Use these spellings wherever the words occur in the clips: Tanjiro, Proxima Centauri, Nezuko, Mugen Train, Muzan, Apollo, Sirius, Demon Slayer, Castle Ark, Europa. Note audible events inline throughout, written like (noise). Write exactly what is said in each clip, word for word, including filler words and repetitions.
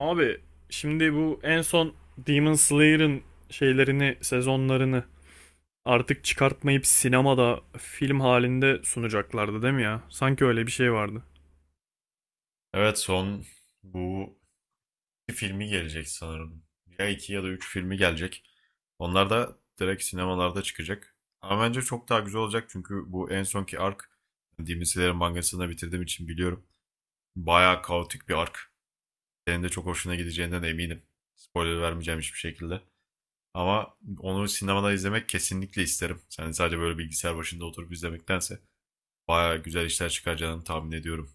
Abi, şimdi bu en son Demon Slayer'ın şeylerini, sezonlarını artık çıkartmayıp sinemada film halinde sunacaklardı değil mi ya? Sanki öyle bir şey vardı. Evet son bu iki filmi gelecek sanırım. Ya iki ya da üç filmi gelecek. Onlar da direkt sinemalarda çıkacak. Ama bence çok daha güzel olacak çünkü bu en sonki ark, yani Demon Slayer'ın mangasını da bitirdiğim için biliyorum. Bayağı kaotik bir ark. Senin de çok hoşuna gideceğinden eminim. Spoiler vermeyeceğim hiçbir şekilde. Ama onu sinemada izlemek kesinlikle isterim. Yani sadece böyle bilgisayar başında oturup izlemektense bayağı güzel işler çıkaracağını tahmin ediyorum.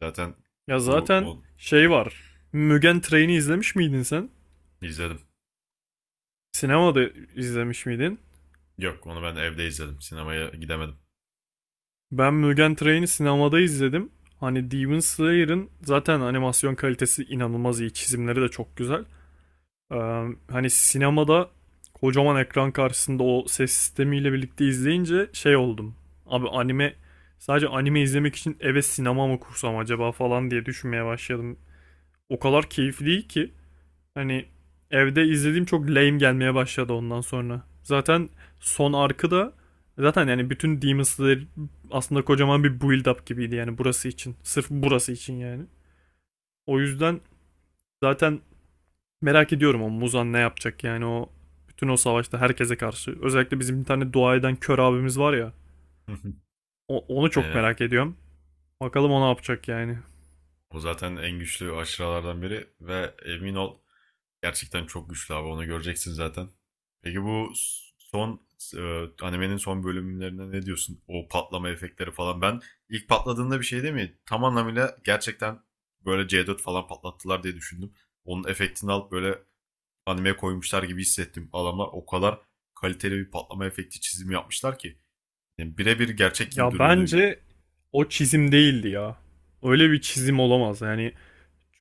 Zaten Ya bu zaten on... şey Heh, var. Mugen Train'i izlemiş miydin sen? izledim. Sinemada izlemiş miydin? Yok onu ben evde izledim. Sinemaya gidemedim. Ben Mugen Train'i sinemada izledim. Hani Demon Slayer'ın zaten animasyon kalitesi inanılmaz iyi. Çizimleri de çok güzel. Ee, Hani sinemada kocaman ekran karşısında o ses sistemiyle birlikte izleyince şey oldum. Abi anime, sadece anime izlemek için eve sinema mı kursam acaba falan diye düşünmeye başladım. O kadar keyifli değil ki, hani evde izlediğim çok lame gelmeye başladı ondan sonra. Zaten son arkı da zaten yani bütün Demon Slayer aslında kocaman bir build up gibiydi yani burası için. Sırf burası için yani. O yüzden zaten merak ediyorum o Muzan ne yapacak yani, o bütün o savaşta herkese karşı. Özellikle bizim bir tane dua eden kör abimiz var ya. (laughs) O- onu çok Aynen. merak ediyorum. Bakalım o ne yapacak yani. O zaten en güçlü aşıralardan biri ve emin ol gerçekten çok güçlü abi, onu göreceksin zaten. Peki bu son, e, animenin son bölümlerine ne diyorsun? O patlama efektleri falan. Ben ilk patladığında bir şey değil mi? Tam anlamıyla gerçekten böyle C dört falan patlattılar diye düşündüm. Onun efektini alıp böyle animeye koymuşlar gibi hissettim. Adamlar o kadar kaliteli bir patlama efekti çizimi yapmışlar ki. Yani birebir gerçek gibi Ya duruyordu. bence o çizim değildi ya. Öyle bir çizim olamaz. Yani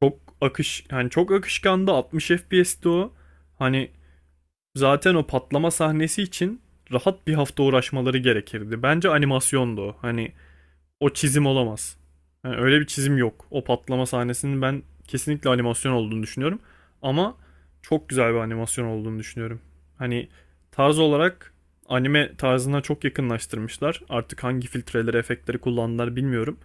çok akış yani çok akışkandı, altmış F P S'ti o. Hani zaten o patlama sahnesi için rahat bir hafta uğraşmaları gerekirdi. Bence animasyondu o. Hani o çizim olamaz. Yani öyle bir çizim yok. O patlama sahnesinin ben kesinlikle animasyon olduğunu düşünüyorum. Ama çok güzel bir animasyon olduğunu düşünüyorum. Hani tarz olarak anime tarzına çok yakınlaştırmışlar. Artık hangi filtreleri, efektleri kullandılar bilmiyorum.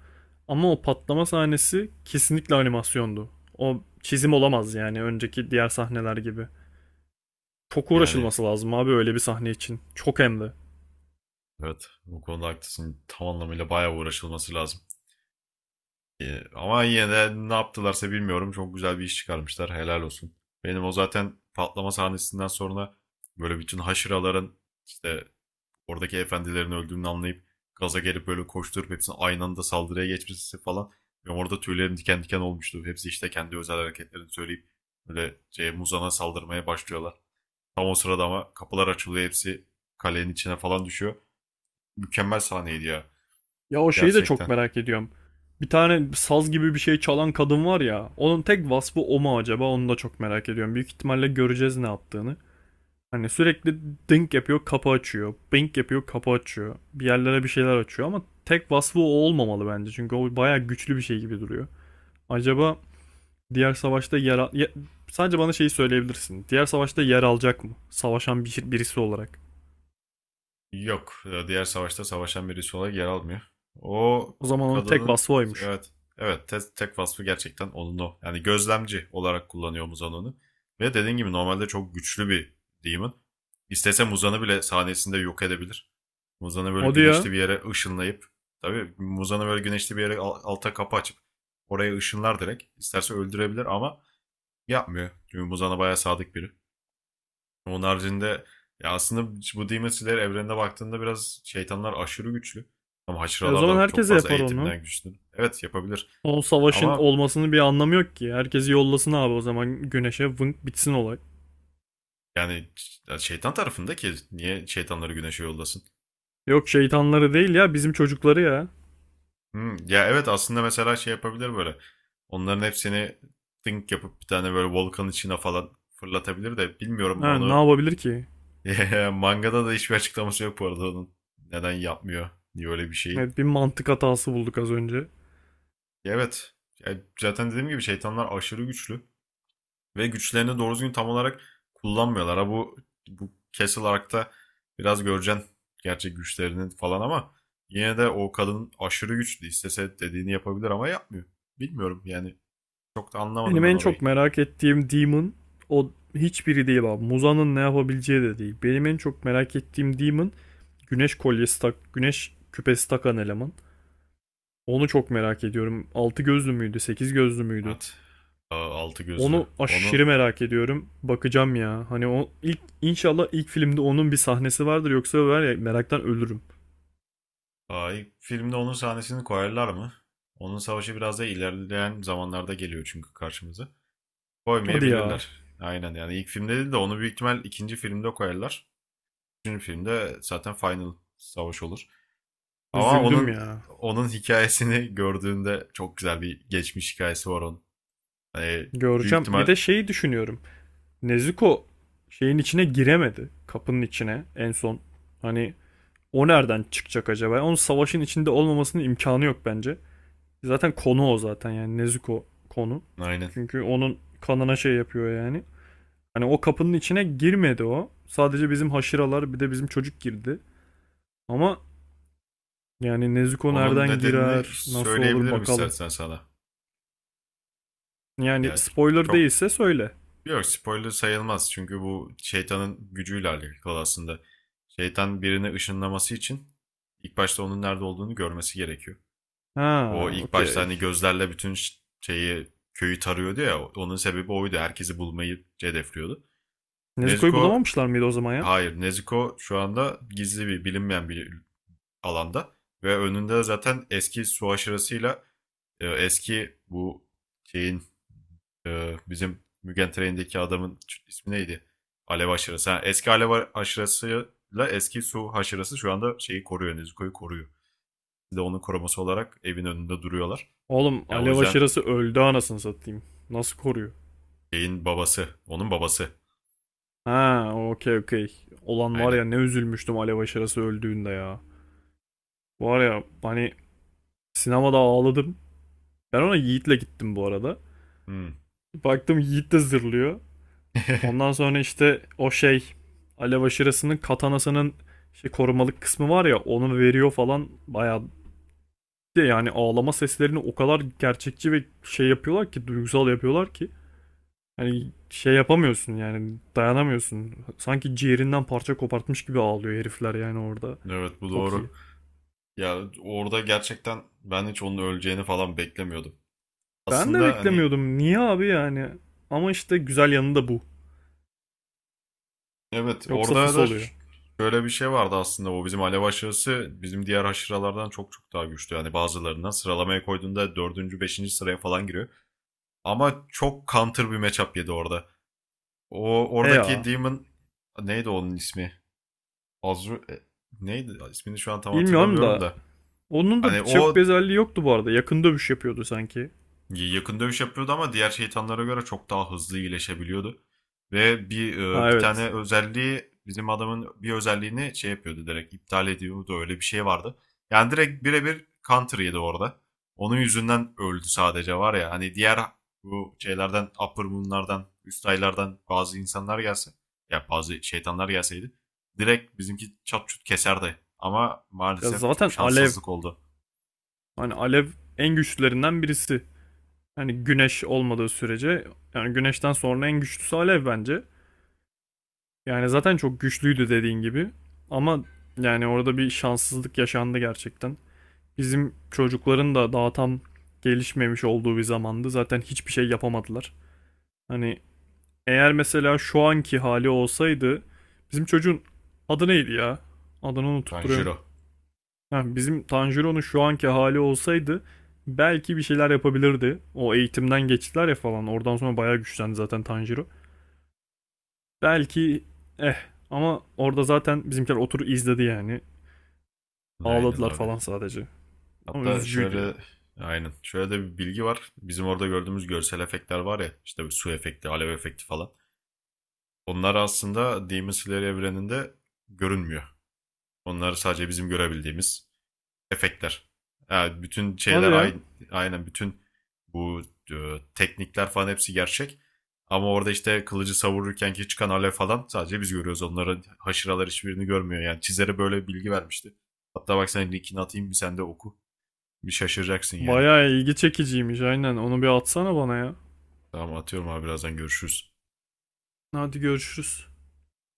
Ama o patlama sahnesi kesinlikle animasyondu. O çizim olamaz yani önceki diğer sahneler gibi. Çok Yani uğraşılması lazım abi öyle bir sahne için. Çok hem de. Evet, bu konuda haklısın. Tam anlamıyla bayağı uğraşılması lazım. Ee, ama yine de ne yaptılarsa bilmiyorum. Çok güzel bir iş çıkarmışlar. Helal olsun. Benim o zaten patlama sahnesinden sonra böyle bütün haşıraların, işte oradaki efendilerin öldüğünü anlayıp gaza gelip böyle koşturup hepsinin aynı anda saldırıya geçmesi falan. Benim orada tüylerim diken diken olmuştu. Hepsi işte kendi özel hareketlerini söyleyip böyle şey, Muzan'a saldırmaya başlıyorlar. Tam o sırada ama kapılar açılıyor. Hepsi kalenin içine falan düşüyor. Mükemmel sahneydi ya. Ya o şeyi de çok Gerçekten. merak ediyorum. Bir tane saz gibi bir şey çalan kadın var ya. Onun tek vasfı o mu acaba? Onu da çok merak ediyorum. Büyük ihtimalle göreceğiz ne yaptığını. Hani sürekli dink yapıyor, kapı açıyor. Bink yapıyor, kapı açıyor. Bir yerlere bir şeyler açıyor ama tek vasfı o olmamalı bence. Çünkü o bayağı güçlü bir şey gibi duruyor. Acaba diğer savaşta yer al... ya- sadece bana şeyi söyleyebilirsin. Diğer savaşta yer alacak mı? Savaşan bir, birisi olarak. Yok. e, Diğer savaşta savaşan birisi olarak yer almıyor. O O zaman onun tek kadının, vasfı oymuş. evet, evet, te- tek vasfı gerçekten onun o. Yani gözlemci olarak kullanıyor Muzan'ı. Ve dediğin gibi normalde çok güçlü bir demon. İstese Muzan'ı bile sahnesinde yok edebilir. Muzan'ı böyle O diyor. güneşli bir yere ışınlayıp, tabii Muzan'ı böyle güneşli bir yere al- alta kapı açıp oraya ışınlar direkt. İsterse öldürebilir ama yapmıyor. Çünkü Muzan'a bayağı sadık biri. Onun haricinde, ya aslında bu Demon Slayer evrenine baktığında biraz şeytanlar aşırı güçlü. Ama E o haşıralar zaman da çok herkese fazla yapar onu. eğitimden güçlü. Evet, yapabilir. O savaşın Ama olmasının bir anlamı yok ki. Herkesi yollasın abi o zaman güneşe vınk bitsin olay. yani ş- şeytan tarafında ki niye şeytanları güneşe yollasın? Yok, şeytanları değil ya, bizim çocukları ya. Hmm, ya evet, aslında mesela şey yapabilir böyle. Onların hepsini think yapıp bir tane böyle volkan içine falan fırlatabilir de, bilmiyorum Ha, ne onu. yapabilir ki? (laughs) Mangada da hiçbir açıklaması yok bu arada onun neden yapmıyor diye öyle bir şeyi. Evet, bir mantık hatası bulduk az önce. Ya evet. Ya zaten dediğim gibi şeytanlar aşırı güçlü. Ve güçlerini doğru düzgün tam olarak kullanmıyorlar. Ha bu, bu Castle Ark'ta biraz göreceksin gerçek güçlerinin falan, ama yine de o kadın aşırı güçlü. İstese dediğini yapabilir ama yapmıyor. Bilmiyorum yani, çok da anlamadım Benim ben en çok orayı. merak ettiğim Demon, o hiçbiri değil abi. Muzan'ın ne yapabileceği de değil. Benim en çok merak ettiğim Demon, güneş kolyesi tak, güneş küpesi takan eleman. Onu çok merak ediyorum. Altı gözlü müydü, sekiz gözlü müydü? Evet. Altı gözlü. Onu Onu aşırı merak ediyorum. Bakacağım ya. Hani o ilk, inşallah ilk filmde onun bir sahnesi vardır yoksa var ya meraktan ölürüm. Ay, filmde onun sahnesini koyarlar mı? Onun savaşı biraz da ilerleyen zamanlarda geliyor çünkü karşımıza. Hadi ya. Koymayabilirler. Aynen yani ilk filmde değil de onu büyük ihtimal ikinci filmde koyarlar. Üçüncü filmde zaten final savaş olur. Ama Üzüldüm onun ya. onun hikayesini gördüğünde, çok güzel bir geçmiş hikayesi var onun. Hani büyük Göreceğim. Bir ihtimal, de şeyi düşünüyorum. Nezuko şeyin içine giremedi. Kapının içine en son. Hani o nereden çıkacak acaba? Onun savaşın içinde olmamasının imkanı yok bence. Zaten konu o zaten yani Nezuko konu. aynen. Çünkü onun kanına şey yapıyor yani. Hani o kapının içine girmedi o. Sadece bizim haşıralar bir de bizim çocuk girdi. Ama yani Nezuko Onun nereden nedenini girer, nasıl olur söyleyebilirim bakalım. istersen sana. Yani Yani spoiler çok, değilse söyle. yok, spoiler sayılmaz çünkü bu şeytanın gücüyle alakalı aslında. Şeytan birini ışınlaması için ilk başta onun nerede olduğunu görmesi gerekiyor. O Ha, ilk başta okey. hani gözlerle bütün ş- şeyi köyü tarıyordu ya, onun sebebi oydu. Herkesi bulmayı hedefliyordu. Nezuko'yu Nezuko. bulamamışlar mıydı o zaman ya? Hayır, Nezuko şu anda gizli bir, bilinmeyen bir alanda, ve önünde zaten eski su aşırısıyla, e, eski bu şeyin, e, bizim Mugen Train'deki adamın ismi neydi? Alev aşırısı. Ha, eski alev aşırısıyla eski su aşırısı şu anda şeyi koruyor, Nezuko'yu koruyor. Bir de onun koruması olarak evin önünde duruyorlar. Oğlum Yani o alev yüzden aşırısı öldü anasını satayım. Nasıl koruyor? şeyin babası, onun babası. Ha, okey okey. Olan var Aynen. ya, ne üzülmüştüm alev aşırısı öldüğünde ya. Var ya hani sinemada ağladım. Ben ona Yiğit'le gittim bu arada. Hmm. Baktım Yiğit de zırlıyor. Ondan (laughs) sonra işte o şey, alev aşırısının katanasının şey korumalık kısmı var ya, onu veriyor falan bayağı. Bir de yani ağlama seslerini o kadar gerçekçi ve şey yapıyorlar ki, duygusal yapıyorlar ki, hani şey yapamıyorsun yani dayanamıyorsun. Sanki ciğerinden parça kopartmış gibi ağlıyor herifler yani orada. Evet, bu Çok iyi. doğru. Ya orada gerçekten ben hiç onun öleceğini falan beklemiyordum. Ben de Aslında hani, beklemiyordum. Niye abi yani? Ama işte güzel yanı da bu. evet, Yoksa orada fıs da oluyor. ş- şöyle bir şey vardı aslında, o bizim alev aşırısı bizim diğer aşıralardan çok çok daha güçlü. Yani bazılarından sıralamaya koyduğunda dördüncü beşinci sıraya falan giriyor. Ama çok counter bir matchup yedi orada. O E oradaki ya. Demon, neydi onun ismi? Azru, e, neydi? İsmini şu an tam Bilmiyorum hatırlamıyorum da da. onun da Hani çok bir o özelliği yoktu bu arada. Yakın dövüş yapıyordu sanki. yakın dövüş yapıyordu ama diğer şeytanlara göre çok daha hızlı iyileşebiliyordu. Ve bir e, Ha bir tane evet. özelliği, bizim adamın bir özelliğini şey yapıyordu, direkt iptal ediyordu, öyle bir şey vardı. Yani direkt birebir counter yedi orada. Onun yüzünden öldü sadece, var ya hani, diğer bu şeylerden, upper moonlardan, üst aylardan bazı insanlar gelse, ya bazı şeytanlar gelseydi, direkt bizimki çat çut keserdi. Ama Ya maalesef çok zaten alev. şanssızlık oldu. Hani alev en güçlülerinden birisi. Yani güneş olmadığı sürece, yani güneşten sonra en güçlüsü alev bence. Yani zaten çok güçlüydü dediğin gibi. Ama yani orada bir şanssızlık yaşandı gerçekten. Bizim çocukların da daha tam gelişmemiş olduğu bir zamandı. Zaten hiçbir şey yapamadılar. Hani eğer mesela şu anki hali olsaydı, bizim çocuğun adı neydi ya? Adını unutup duruyorum. Tanjiro. Ha, bizim Tanjiro'nun şu anki hali olsaydı belki bir şeyler yapabilirdi. O eğitimden geçtiler ya falan. Oradan sonra bayağı güçlendi zaten Tanjiro. Belki, eh, ama orada zaten bizimkiler oturup izledi yani. Aynen Ağladılar abi. falan sadece. Ama Hatta üzücüydü şöyle, ya. aynen, şöyle de bir bilgi var. Bizim orada gördüğümüz görsel efektler var ya, işte bir su efekti, alev efekti falan. Onlar aslında Demon Slayer evreninde görünmüyor. Onlar sadece bizim görebildiğimiz efektler. Yani bütün Hadi şeyler ya. aynı, aynen, bütün bu e, teknikler falan hepsi gerçek. Ama orada işte kılıcı savururken ki çıkan alev falan sadece biz görüyoruz. Onların, haşıralar hiçbirini görmüyor. Yani çizere böyle bir bilgi vermişti. Hatta bak, sen linkini atayım bir, sen de oku. Bir şaşıracaksın yani. Bayağı ilgi çekiciymiş aynen. Onu bir atsana bana ya. Tamam atıyorum abi, birazdan görüşürüz. Hadi görüşürüz.